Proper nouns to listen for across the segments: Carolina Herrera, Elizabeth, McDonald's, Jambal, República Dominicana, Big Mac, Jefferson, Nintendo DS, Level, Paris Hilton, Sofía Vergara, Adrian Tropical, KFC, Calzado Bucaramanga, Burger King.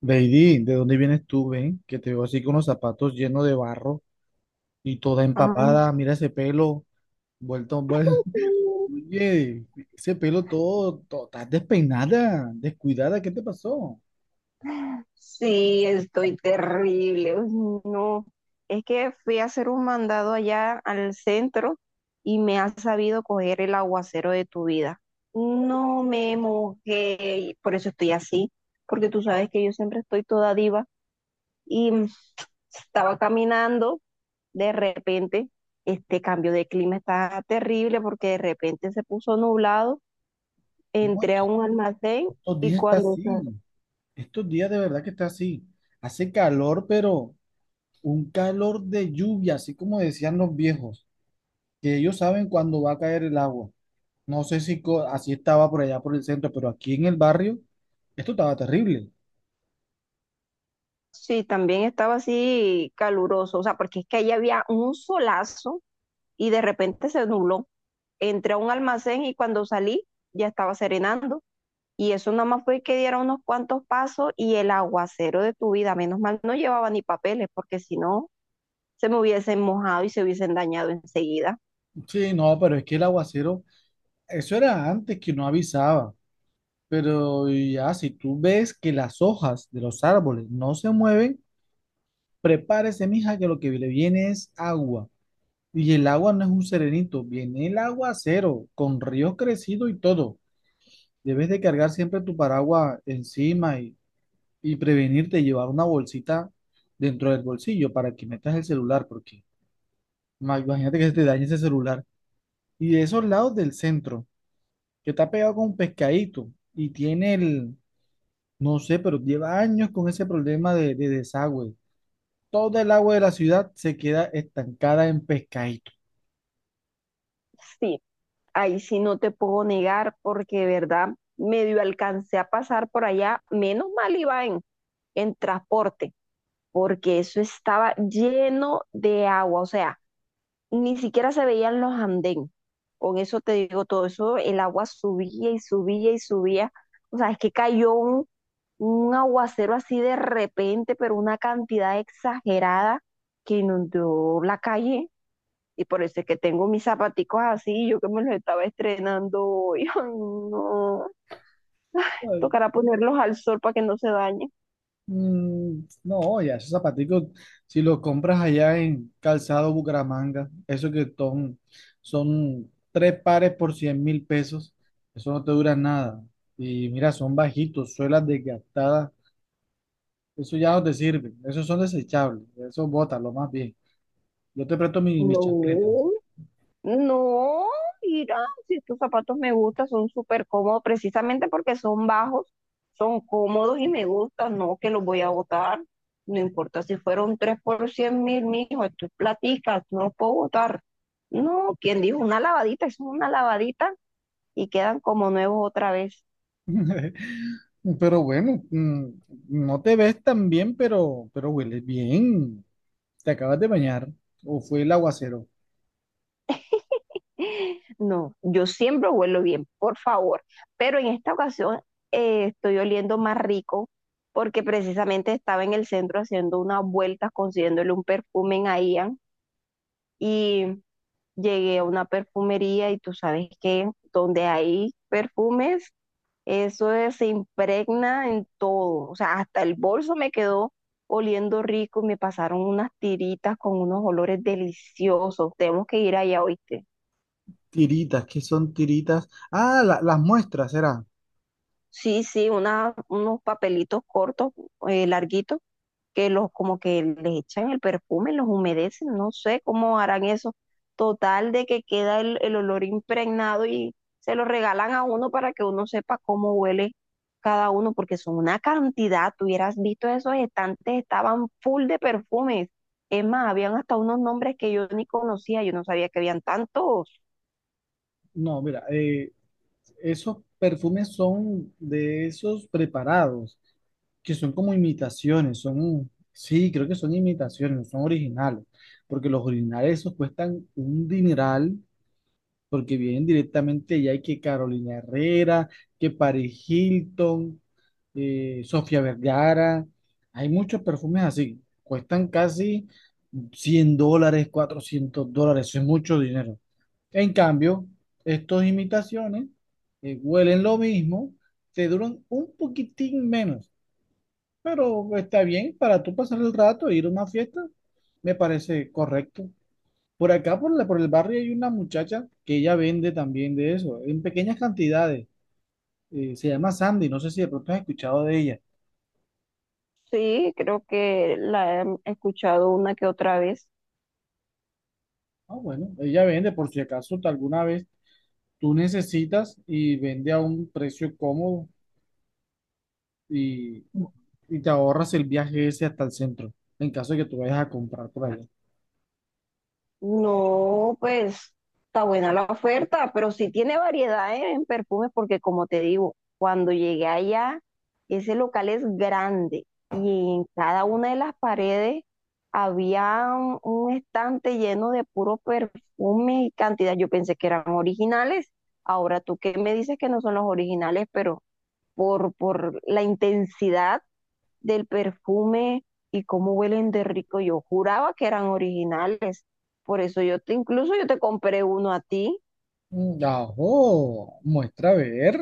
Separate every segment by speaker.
Speaker 1: Lady, ¿de dónde vienes tú, ven? Que te veo así con los zapatos llenos de barro y toda
Speaker 2: Ah,
Speaker 1: empapada. Mira ese pelo, vuelto, vuelto. Oye, ese pelo todo, todo, estás despeinada, descuidada, ¿qué te pasó?
Speaker 2: sí, estoy terrible. Uy, no, es que fui a hacer un mandado allá al centro y me ha sabido coger el aguacero de tu vida. No me mojé, y por eso estoy así, porque tú sabes que yo siempre estoy toda diva y estaba caminando, de repente este cambio de clima está terrible porque de repente se puso nublado,
Speaker 1: No, es
Speaker 2: entré a
Speaker 1: que
Speaker 2: un almacén
Speaker 1: estos
Speaker 2: y
Speaker 1: días está así. Estos días de verdad que está así. Hace calor, pero un calor de lluvia, así como decían los viejos, que ellos saben cuándo va a caer el agua. No sé si co- así estaba por allá por el centro, pero aquí en el barrio, esto estaba terrible.
Speaker 2: Sí, también estaba así caluroso, o sea, porque es que ahí había un solazo y de repente se nubló. Entré a un almacén y cuando salí ya estaba serenando y eso nada más fue que diera unos cuantos pasos y el aguacero de tu vida, menos mal no llevaba ni papeles porque si no se me hubiesen mojado y se hubiesen dañado enseguida.
Speaker 1: Sí, no, pero es que el aguacero, eso era antes que no avisaba, pero ya si tú ves que las hojas de los árboles no se mueven, prepárese, mija, que lo que le viene es agua. Y el agua no es un serenito, viene el aguacero, con ríos crecidos y todo. Debes de cargar siempre tu paraguas encima y prevenirte llevar una bolsita dentro del bolsillo para que metas el celular, porque imagínate que se te dañe ese celular. Y de esos lados del centro, que está pegado con un pescadito y tiene el, no sé, pero lleva años con ese problema de desagüe. Todo el agua de la ciudad se queda estancada en pescadito.
Speaker 2: Sí, ahí sí no te puedo negar porque de verdad medio alcancé a pasar por allá, menos mal iba en transporte porque eso estaba lleno de agua, o sea, ni siquiera se veían los andén. Con eso te digo todo, eso el agua subía y subía y subía. O sea, es que cayó un aguacero así de repente, pero una cantidad exagerada que inundó la calle. Y por eso es que tengo mis zapaticos así, yo que me los estaba estrenando hoy. Ay, no.
Speaker 1: Ay,
Speaker 2: Tocará ponerlos al sol para que no se dañen.
Speaker 1: no, ya esos zapaticos, si los compras allá en Calzado Bucaramanga, eso que son, son tres pares por 100.000 pesos, eso no te dura nada. Y mira, son bajitos, suelas desgastadas, eso ya no te sirve, esos son desechables, eso bótalo más bien. Yo te presto mis chancletas.
Speaker 2: No, no, mira, si estos zapatos me gustan, son súper cómodos, precisamente porque son bajos, son cómodos y me gustan, no que los voy a botar. No importa si fueron tres por 100.000, mijo, esto es platica, no los puedo botar. No, quien dijo una lavadita, es una lavadita y quedan como nuevos otra vez.
Speaker 1: Pero bueno, no te ves tan bien, pero hueles bien. ¿Te acabas de bañar? ¿O fue el aguacero?
Speaker 2: No, yo siempre huelo bien, por favor. Pero en esta ocasión estoy oliendo más rico porque precisamente estaba en el centro haciendo unas vueltas, consiguiéndole un perfume a Ian y llegué a una perfumería y tú sabes que donde hay perfumes, se impregna en todo. O sea, hasta el bolso me quedó oliendo rico, y me pasaron unas tiritas con unos olores deliciosos. Tenemos que ir allá, hoy.
Speaker 1: Tiritas, ¿qué son tiritas? Ah, las muestras, ¿será?
Speaker 2: Sí, sí, unos papelitos cortos, larguitos, que los como que les echan el perfume, los humedecen, no sé cómo harán eso. Total de que queda el olor impregnado y se lo regalan a uno para que uno sepa cómo huele cada uno, porque son una cantidad, tú hubieras visto esos estantes, estaban full de perfumes. Es más, habían hasta unos nombres que yo ni conocía, yo no sabía que habían tantos.
Speaker 1: No, mira, esos perfumes son de esos preparados, que son como imitaciones, son, sí, creo que son imitaciones, no son originales, porque los originales esos cuestan un dineral porque vienen directamente ya hay que Carolina Herrera, que Paris Hilton, Sofía Vergara, hay muchos perfumes así, cuestan casi 100 dólares, 400 dólares, eso es mucho dinero. En cambio, estos imitaciones huelen lo mismo, te duran un poquitín menos, pero está bien para tú pasar el rato e ir a una fiesta, me parece correcto. Por acá, por el barrio, hay una muchacha que ella vende también de eso, en pequeñas cantidades. Se llama Sandy, no sé si de pronto has escuchado de ella.
Speaker 2: Sí, creo que la he escuchado una que otra vez.
Speaker 1: Ah, bueno, ella vende por si acaso tú alguna vez tú necesitas y vende a un precio cómodo y, y te ahorras el viaje ese hasta el centro, en caso de que tú vayas a comprar por allá.
Speaker 2: No, pues está buena la oferta, pero sí tiene variedad, ¿eh?, en perfumes porque como te digo, cuando llegué allá, ese local es grande y en cada una de las paredes había un estante lleno de puro perfume y cantidad. Yo pensé que eran originales. Ahora tú que me dices que no son los originales, pero por la intensidad del perfume y cómo huelen de rico. Yo juraba que eran originales. Por eso incluso yo te compré uno a ti.
Speaker 1: Mm, ajo, muestra a ver.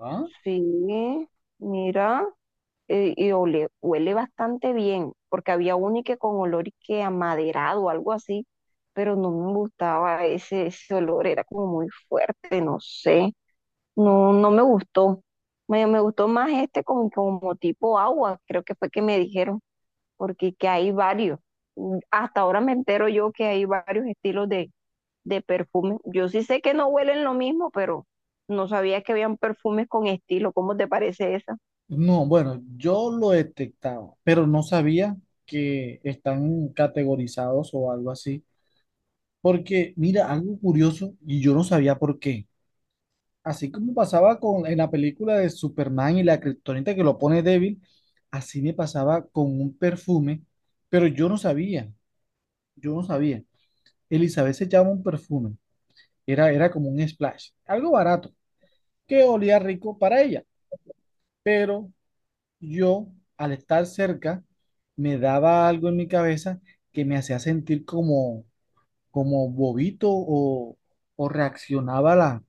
Speaker 1: Ah,
Speaker 2: Sí, mira, huele bastante bien, porque había uno y que con olor y que amaderado o algo así, pero no me gustaba ese olor, era como muy fuerte, no sé. No, no me gustó. Me gustó más este como, como tipo agua, creo que fue que me dijeron. Porque que hay varios. Hasta ahora me entero yo que hay varios estilos de perfume. Yo sí sé que no huelen lo mismo, pero no sabía que habían perfumes con estilo. ¿Cómo te parece esa?
Speaker 1: no, bueno, yo lo detectaba, pero no sabía que están categorizados o algo así. Porque, mira, algo curioso, y yo no sabía por qué. Así como pasaba en la película de Superman y la kriptonita que lo pone débil, así me pasaba con un perfume, pero yo no sabía, yo no sabía. Elizabeth se llama un perfume, era, era como un splash, algo barato, que olía rico para ella, pero yo, al estar cerca, me daba algo en mi cabeza que me hacía sentir como, como bobito o reaccionaba a la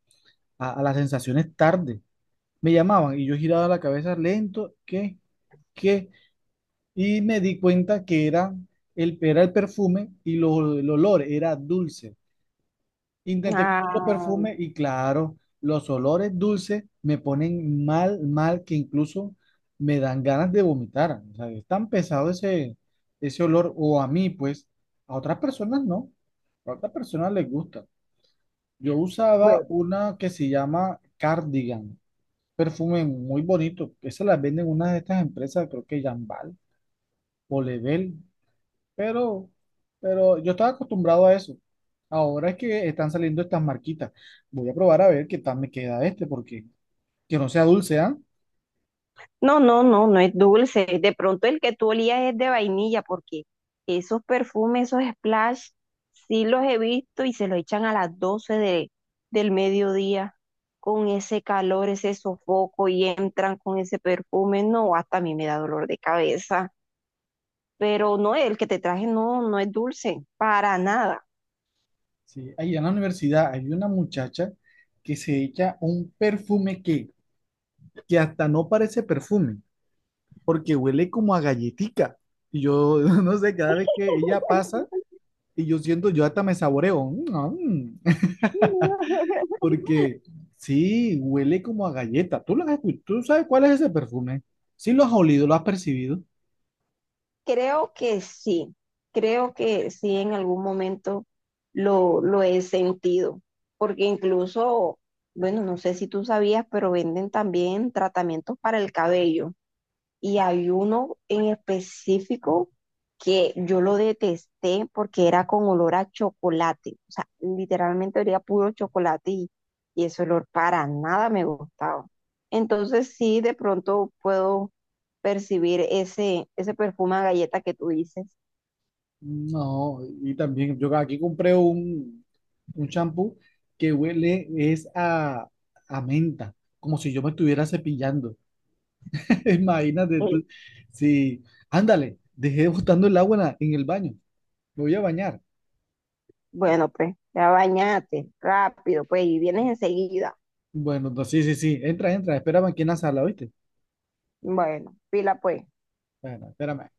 Speaker 1: a las sensaciones tarde. Me llamaban y yo giraba la cabeza lento, ¿qué? ¿Qué? Y me di cuenta que era era el perfume y el olor era dulce. Intenté con
Speaker 2: Ah,
Speaker 1: otro
Speaker 2: ah,
Speaker 1: perfume y claro, los olores dulces me ponen mal, mal, que incluso me dan ganas de vomitar. O sea, es tan pesado ese olor, o a mí, pues, a otras personas no. A otras personas les gusta. Yo usaba
Speaker 2: bueno.
Speaker 1: una que se llama cardigan. Perfume muy bonito. Esas las venden unas de estas empresas, creo que Jambal o Level, pero, pero yo estaba acostumbrado a eso. Ahora es que están saliendo estas marquitas. Voy a probar a ver qué tal me queda este, porque que no sea dulce, ¿ah?
Speaker 2: No, no, no, no es dulce. De pronto el que tú olías es de vainilla, porque esos perfumes, esos splash, sí los he visto y se los echan a las 12 del mediodía con ese calor, ese sofoco y entran con ese perfume. No, hasta a mí me da dolor de cabeza. Pero no, el que te traje no, no es dulce, para nada.
Speaker 1: Sí, ahí en la universidad hay una muchacha que se echa un perfume que hasta no parece perfume, porque huele como a galletica. Y yo no sé, cada vez que ella pasa, y yo siento, yo hasta me saboreo. Mm, ah, mm. Porque sí, huele como a galleta. ¿Tú, lo has escu- ¿Tú sabes cuál es ese perfume? Sí, lo has olido, lo has percibido.
Speaker 2: Creo que sí, creo que sí en algún momento lo he sentido, porque incluso, bueno, no sé si tú sabías, pero venden también tratamientos para el cabello. Y hay uno en específico que yo lo detesté porque era con olor a chocolate. O sea, literalmente olía puro chocolate y ese olor para nada me gustaba. Entonces sí, de pronto puedo percibir ese perfume a galleta que tú dices.
Speaker 1: No, y también yo aquí compré un champú que huele es a menta, como si yo me estuviera cepillando. Imagínate
Speaker 2: Eh,
Speaker 1: tú. Sí, ándale, dejé botando el agua en el baño. Me voy a bañar.
Speaker 2: bueno, pues, ya bañate, rápido, pues, y vienes enseguida.
Speaker 1: Bueno, no, sí, sí, sí. Entra, entra, espérame aquí en la sala, ¿oíste?
Speaker 2: Bueno, pila pues.
Speaker 1: Bueno, espérame.